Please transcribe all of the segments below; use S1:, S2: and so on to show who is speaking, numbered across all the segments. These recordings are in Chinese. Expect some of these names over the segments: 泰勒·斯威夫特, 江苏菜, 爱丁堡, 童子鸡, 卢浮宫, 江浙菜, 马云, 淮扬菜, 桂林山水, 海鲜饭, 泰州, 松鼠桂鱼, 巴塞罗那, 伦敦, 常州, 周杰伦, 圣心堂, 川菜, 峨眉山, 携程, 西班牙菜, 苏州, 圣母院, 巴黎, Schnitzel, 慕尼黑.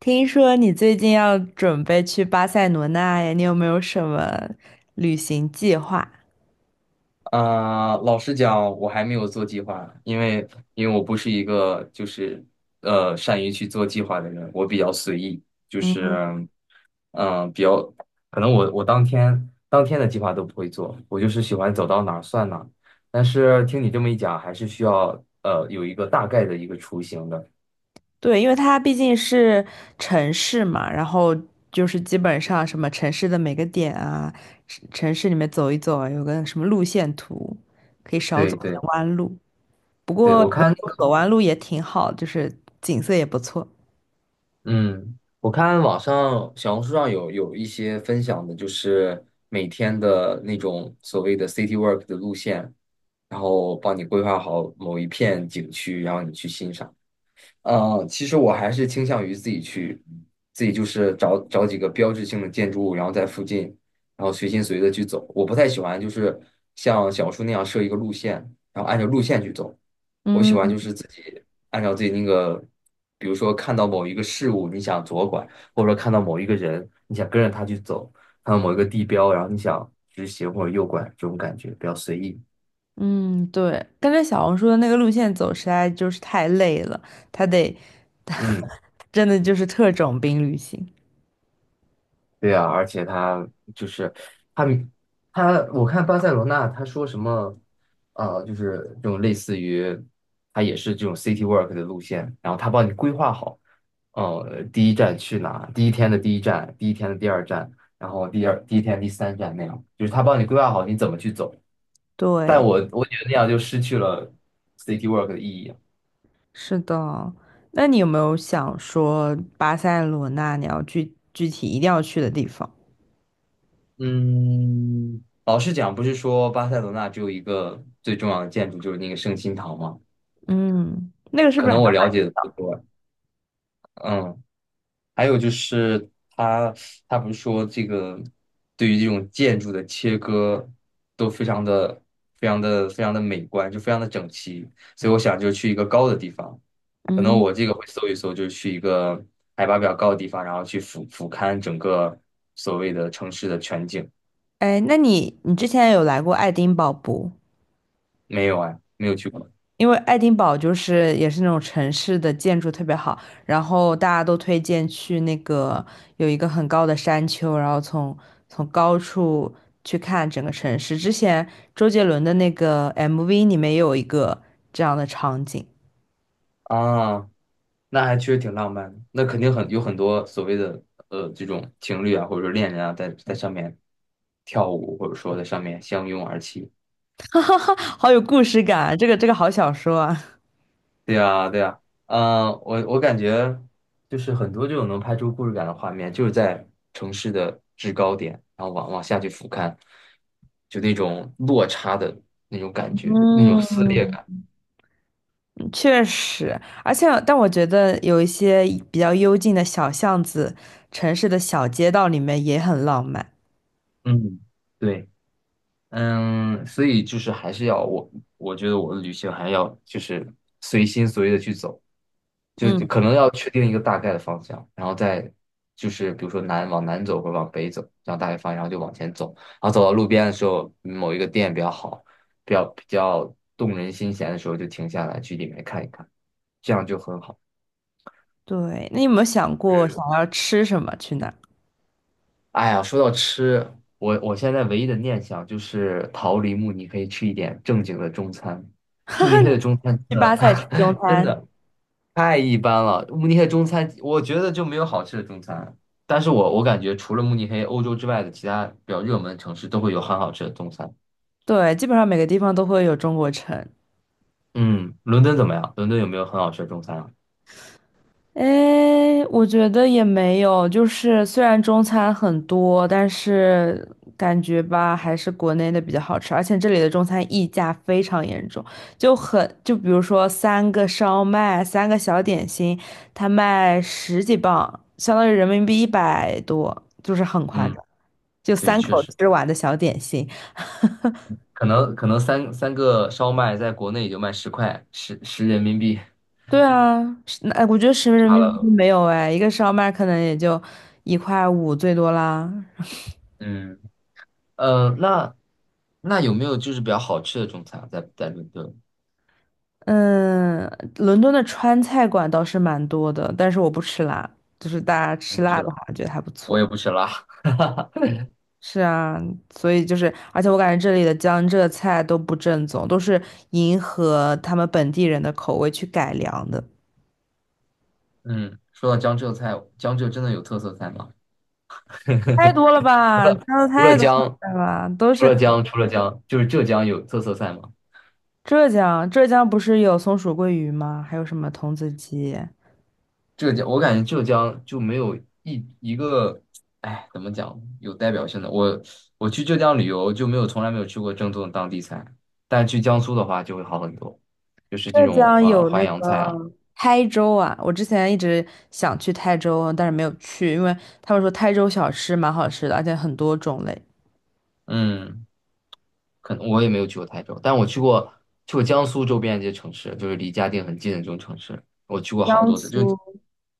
S1: 听说你最近要准备去巴塞罗那呀，你有没有什么旅行计划？
S2: 啊、老实讲，我还没有做计划，因为我不是一个就是善于去做计划的人，我比较随意，就是
S1: 嗯，
S2: 嗯、比较可能我当天的计划都不会做，我就是喜欢走到哪儿算哪儿。但是听你这么一讲，还是需要有一个大概的一个雏形的。
S1: 对，因为它毕竟是城市嘛，然后就是基本上什么城市的每个点啊，城市里面走一走啊，有个什么路线图，可以少
S2: 对
S1: 走
S2: 对
S1: 点弯路。不
S2: 对，
S1: 过有
S2: 我
S1: 的
S2: 看
S1: 时
S2: 那
S1: 候走
S2: 个。
S1: 弯路也挺好，就是景色也不错。
S2: 嗯，我看网上小红书上有一些分享的，就是每天的那种所谓的 city work 的路线，然后帮你规划好某一片景区，然后你去欣赏。嗯，其实我还是倾向于自己去，自己就是找找几个标志性的建筑物，然后在附近，然后随心随的去走。我不太喜欢就是像小树那样设一个路线，然后按照路线去走。我喜欢就
S1: 嗯。
S2: 是自己按照自己那个，比如说看到某一个事物，你想左拐，或者说看到某一个人，你想跟着他去走，看到某一个地标，然后你想直行或者右拐，这种感觉比较随意。
S1: 嗯，对，跟着小红书的那个路线走实在就是太累了，他得，
S2: 嗯。
S1: 真的就是特种兵旅行。
S2: 对啊，而且他就是他他，我看巴塞罗那他说什么，就是这种类似于他也是这种 city work 的路线，然后他帮你规划好，第一站去哪，第一天的第一站，第一天的第二站，然后第一天第三站那样，就是他帮你规划好你怎么去走。但
S1: 对，
S2: 我觉得那样就失去了 city work 的意义。
S1: 是的。那你有没有想说巴塞罗那你要具体一定要去的地方？
S2: 嗯，老实讲，不是说巴塞罗那只有一个最重要的建筑，就是那个圣心堂吗？
S1: 嗯，那个是
S2: 可
S1: 不是还
S2: 能我
S1: 要？
S2: 了解的不多。嗯，还有就是他他不是说这个对于这种建筑的切割都非常的非常的非常的美观，就非常的整齐，所以我想就去一个高的地方，可能
S1: 嗯，
S2: 我这个会搜一搜，就去一个海拔比较高的地方，然后去俯瞰整个所谓的城市的全景。
S1: 哎，那你之前有来过爱丁堡不？
S2: 没有哎，没有去过。
S1: 因为爱丁堡就是也是那种城市的建筑特别好，然后大家都推荐去那个有一个很高的山丘，然后从高处去看整个城市。之前周杰伦的那个 MV 里面也有一个这样的场景，
S2: 啊，那还确实挺浪漫的，那肯定很有很多所谓的这种情侣啊，或者说恋人啊，在在上面跳舞，或者说在上面相拥而泣。
S1: 好有故事感啊，这个好小说啊。
S2: 对呀，对呀。我感觉就是很多这种能拍出故事感的画面，就是在城市的制高点，然后往下去俯瞰，就那种落差的那种感觉，那种撕裂
S1: 嗯，
S2: 感。
S1: 确实，而且但我觉得有一些比较幽静的小巷子、城市的小街道里面也很浪漫。
S2: 嗯，对。嗯，所以就是还是要我，我觉得我的旅行还要就是随心所欲的去走，就是
S1: 嗯。
S2: 可能要确定一个大概的方向，然后再就是比如说往南走或者往北走，这样大概方向，然后就往前走，然后走到路边的时候，某一个店比较好，比较比较动人心弦的时候就停下来去里面看一看，这样就很好。
S1: 对，那你有没有想过想要吃什么？去哪儿？
S2: 哎呀，说到吃，我现在唯一的念想就是逃离慕尼黑，吃一点正经的中餐。慕尼黑的中餐真
S1: 去巴塞吃
S2: 的
S1: 中
S2: 真
S1: 餐？
S2: 的太一般了，慕尼黑中餐我觉得就没有好吃的中餐。但是我感觉除了慕尼黑，欧洲之外的其他比较热门的城市都会有很好吃的中餐。
S1: 对，基本上每个地方都会有中国城。
S2: 嗯，伦敦怎么样？伦敦有没有很好吃的中餐啊？
S1: 诶，我觉得也没有，就是虽然中餐很多，但是感觉吧，还是国内的比较好吃，而且这里的中餐溢价非常严重，就很，就比如说三个烧麦，三个小点心，它卖十几磅，相当于人民币一百多，就是很夸
S2: 嗯，
S1: 张，就
S2: 对，
S1: 三口
S2: 确实，
S1: 吃完的小点心。
S2: 可能三个烧麦在国内也就卖10块，十人民币，
S1: 对啊，是那我觉得十人
S2: 差
S1: 民币
S2: 了。
S1: 都没有哎，一个烧麦可能也就一块五最多啦。
S2: 嗯。呃，那那有没有就是比较好吃的中餐啊在在伦敦？
S1: 嗯，伦敦的川菜馆倒是蛮多的，但是我不吃辣，就是大家
S2: 我也
S1: 吃
S2: 不
S1: 辣
S2: 吃
S1: 的
S2: 了，
S1: 话，觉得还不
S2: 我
S1: 错。
S2: 也不吃辣。
S1: 是啊，所以就是，而且我感觉这里的江浙菜都不正宗，都是迎合他们本地人的口味去改良的，
S2: 嗯，说到江浙菜，江浙真的有特色菜吗？
S1: 太多了吧？加的
S2: 除了
S1: 太多
S2: 江，
S1: 了吧？都是
S2: 除了江，就是浙江有特色菜吗？
S1: 浙江，浙江不是有松鼠桂鱼吗？还有什么童子鸡？
S2: 浙江，我感觉浙江就没有一个，哎，怎么讲，有代表性的。我去浙江旅游就没有从来没有吃过正宗的当地菜，但去江苏的话就会好很多，就是这
S1: 浙
S2: 种
S1: 江有
S2: 淮
S1: 那
S2: 扬菜啊。
S1: 个台州啊，我之前一直想去台州，但是没有去，因为他们说台州小吃蛮好吃的，而且很多种类。
S2: 嗯。可能我也没有去过台州，但我去过江苏周边的一些城市，就是离嘉定很近的这种城市，我去过好
S1: 江
S2: 多次。就
S1: 苏，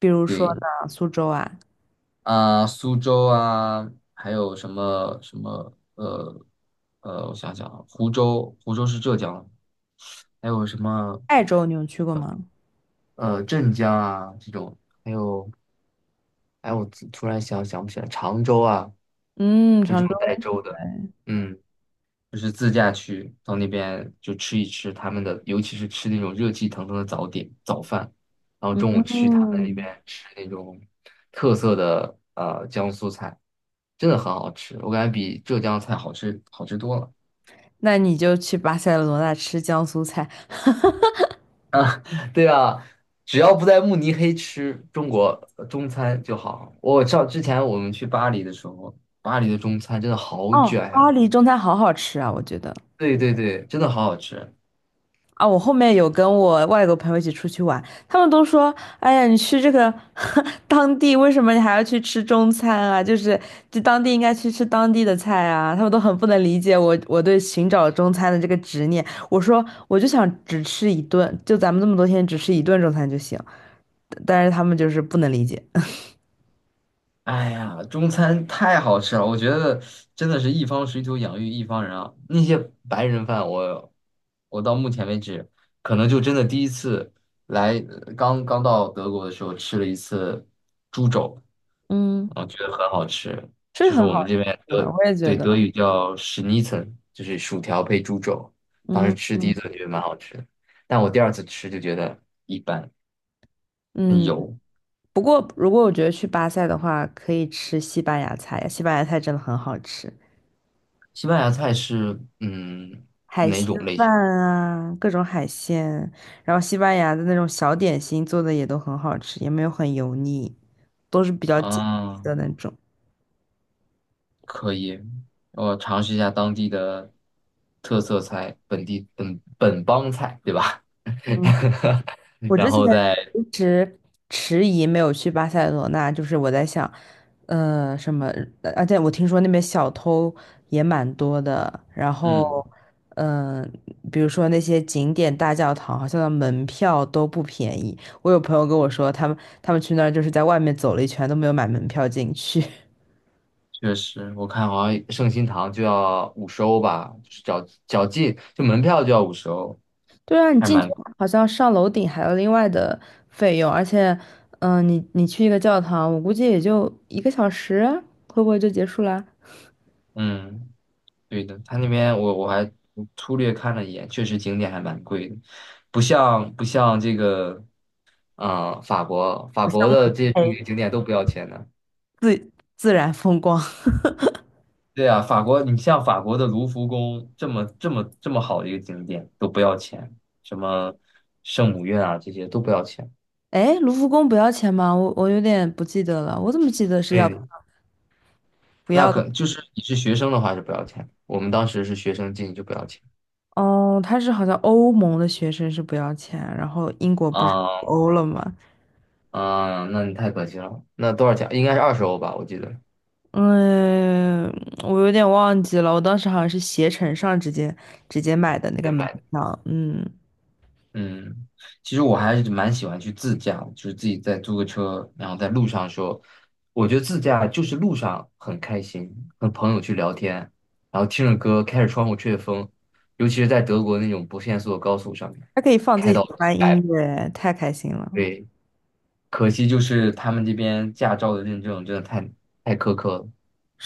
S1: 比如说
S2: 对
S1: 呢，苏州啊，
S2: 啊、苏州啊，还有什么什么我想想啊，湖州，湖州是浙江，还有什么
S1: 泰州你有去过吗？
S2: 镇江啊这种，还有哎，我突然想不起来，常州啊，
S1: 嗯，
S2: 就这
S1: 常
S2: 种
S1: 州。
S2: 带州的。
S1: 对，
S2: 嗯。就是自驾去到那边就吃一吃他们的，尤其是吃那种热气腾腾的早饭，然后中午去他们那
S1: 嗯，
S2: 边吃那种特色的江苏菜，真的很好吃，我感觉比浙江菜好吃多了。
S1: 那你就去巴塞罗那吃江苏菜。
S2: 对啊，只要不在慕尼黑吃中国中餐就好。之前我们去巴黎的时候，巴黎的中餐真的好
S1: 哦，
S2: 卷
S1: 巴
S2: 呀、
S1: 黎中餐好好吃啊，我觉得。
S2: 对对对，真的好好吃。
S1: 啊，我后面有跟我外国朋友一起出去玩，他们都说，哎呀，你去这个 当地，为什么你还要去吃中餐啊？就是就当地应该去吃当地的菜啊，他们都很不能理解我对寻找中餐的这个执念。我说我就想只吃一顿，就咱们这么多天只吃一顿中餐就行，但是他们就是不能理解。
S2: 哎呀，中餐太好吃了，我觉得真的是一方水土养育一方人啊。那些白人饭我到目前为止，可能就真的第一次来，刚刚到德国的时候吃了一次猪肘，
S1: 嗯，
S2: 我觉得很好吃，
S1: 是
S2: 就是
S1: 很
S2: 我
S1: 好
S2: 们这边
S1: 吃的，
S2: 德，
S1: 我也觉
S2: 对，
S1: 得，
S2: 德语叫 Schnitzel，就是薯条配猪肘。当时
S1: 嗯
S2: 吃第一顿觉得蛮好吃，但我第二次吃就觉得一般。
S1: 嗯。不过如果我觉得去巴塞的话，可以吃西班牙菜，西班牙菜真的很好吃。
S2: 西班牙菜是嗯
S1: 海
S2: 哪
S1: 鲜
S2: 种类型？
S1: 饭啊，各种海鲜，然后西班牙的那种小点心做的也都很好吃，也没有很油腻，都是比较紧致
S2: 啊？
S1: 的那种。
S2: 可以，我尝试一下当地的特色菜，本地本本帮菜，对吧？
S1: 嗯，我
S2: 然
S1: 之前
S2: 后再，
S1: 迟疑没有去巴塞罗那，就是我在想，什么，而且我听说那边小偷也蛮多的，然后，
S2: 嗯，
S1: 嗯、比如说那些景点大教堂，好像的门票都不便宜。我有朋友跟我说，他们去那儿就是在外面走了一圈都没有买门票进去。
S2: 确实，我看好像圣心堂就要五十欧吧，就是脚进就门票就要五十欧，
S1: 对啊，你
S2: 还是
S1: 进去
S2: 蛮。
S1: 好像上楼顶还有另外的费用，而且，嗯、你去一个教堂，我估计也就一个小时啊会不会就结束啦？
S2: 嗯，对的。他那边我还粗略看了一眼，确实景点还蛮贵的，不像这个。法
S1: 不像
S2: 国
S1: 慕
S2: 的
S1: 尼
S2: 这些著名
S1: 黑
S2: 景点都不要钱的。
S1: 自然风光。
S2: 对啊，法国，你像法国的卢浮宫这么这么这么好的一个景点都不要钱，什么圣母院啊这些都不要钱。
S1: 哎，卢浮宫不要钱吗？我有点不记得了，我怎么记得是要？
S2: 对，
S1: 不
S2: 那
S1: 要的
S2: 可就是你是学生的话是不要钱，我们当时是学生进就不要钱。
S1: 哦，他是好像欧盟的学生是不要钱，然后英国不是脱
S2: 啊
S1: 欧了吗？
S2: 啊，那你太可惜了。那多少钱？应该是20欧吧，我记得
S1: 嗯，我有点忘记了，我当时好像是携程上直接买的那
S2: 也
S1: 个门
S2: 买。的。
S1: 票，嗯。
S2: 嗯，其实我还是蛮喜欢去自驾的就是自己再租个车，然后在路上说，我觉得自驾就是路上很开心，和朋友去聊天，然后听着歌，开着窗户吹着风，尤其是在德国那种不限速的高速上面，
S1: 还可以放自
S2: 开
S1: 己
S2: 到
S1: 喜欢
S2: 一
S1: 的音
S2: 百，
S1: 乐，太开心了。
S2: 对，可惜就是他们这边驾照的认证真的太苛刻了，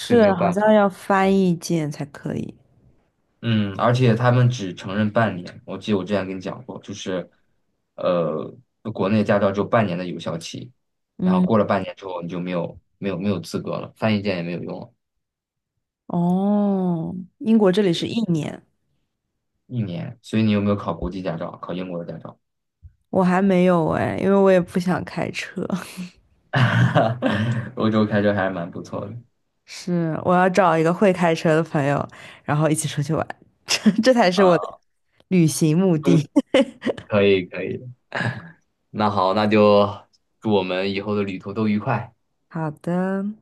S2: 所以没有
S1: 好
S2: 办
S1: 像
S2: 法。
S1: 要翻译键才可以。
S2: 嗯，而且他们只承认半年。我记得我之前跟你讲过，就是，呃，国内驾照只有半年的有效期，然后
S1: 嗯，
S2: 过了半年之后你就没有资格了，翻译件也没有用了，
S1: 哦，英国这里是
S2: 对
S1: 一年，
S2: 一年。所以你有没有考国际驾照？考英国的驾照？
S1: 我还没有哎，因为我也不想开车。
S2: 欧洲开车还是蛮不错的。
S1: 是，我要找一个会开车的朋友，然后一起出去玩，这才是我的
S2: 啊。
S1: 旅行目
S2: 嗯，
S1: 的。
S2: 可以可以。那好，那就祝我们以后的旅途都愉快。
S1: 好的。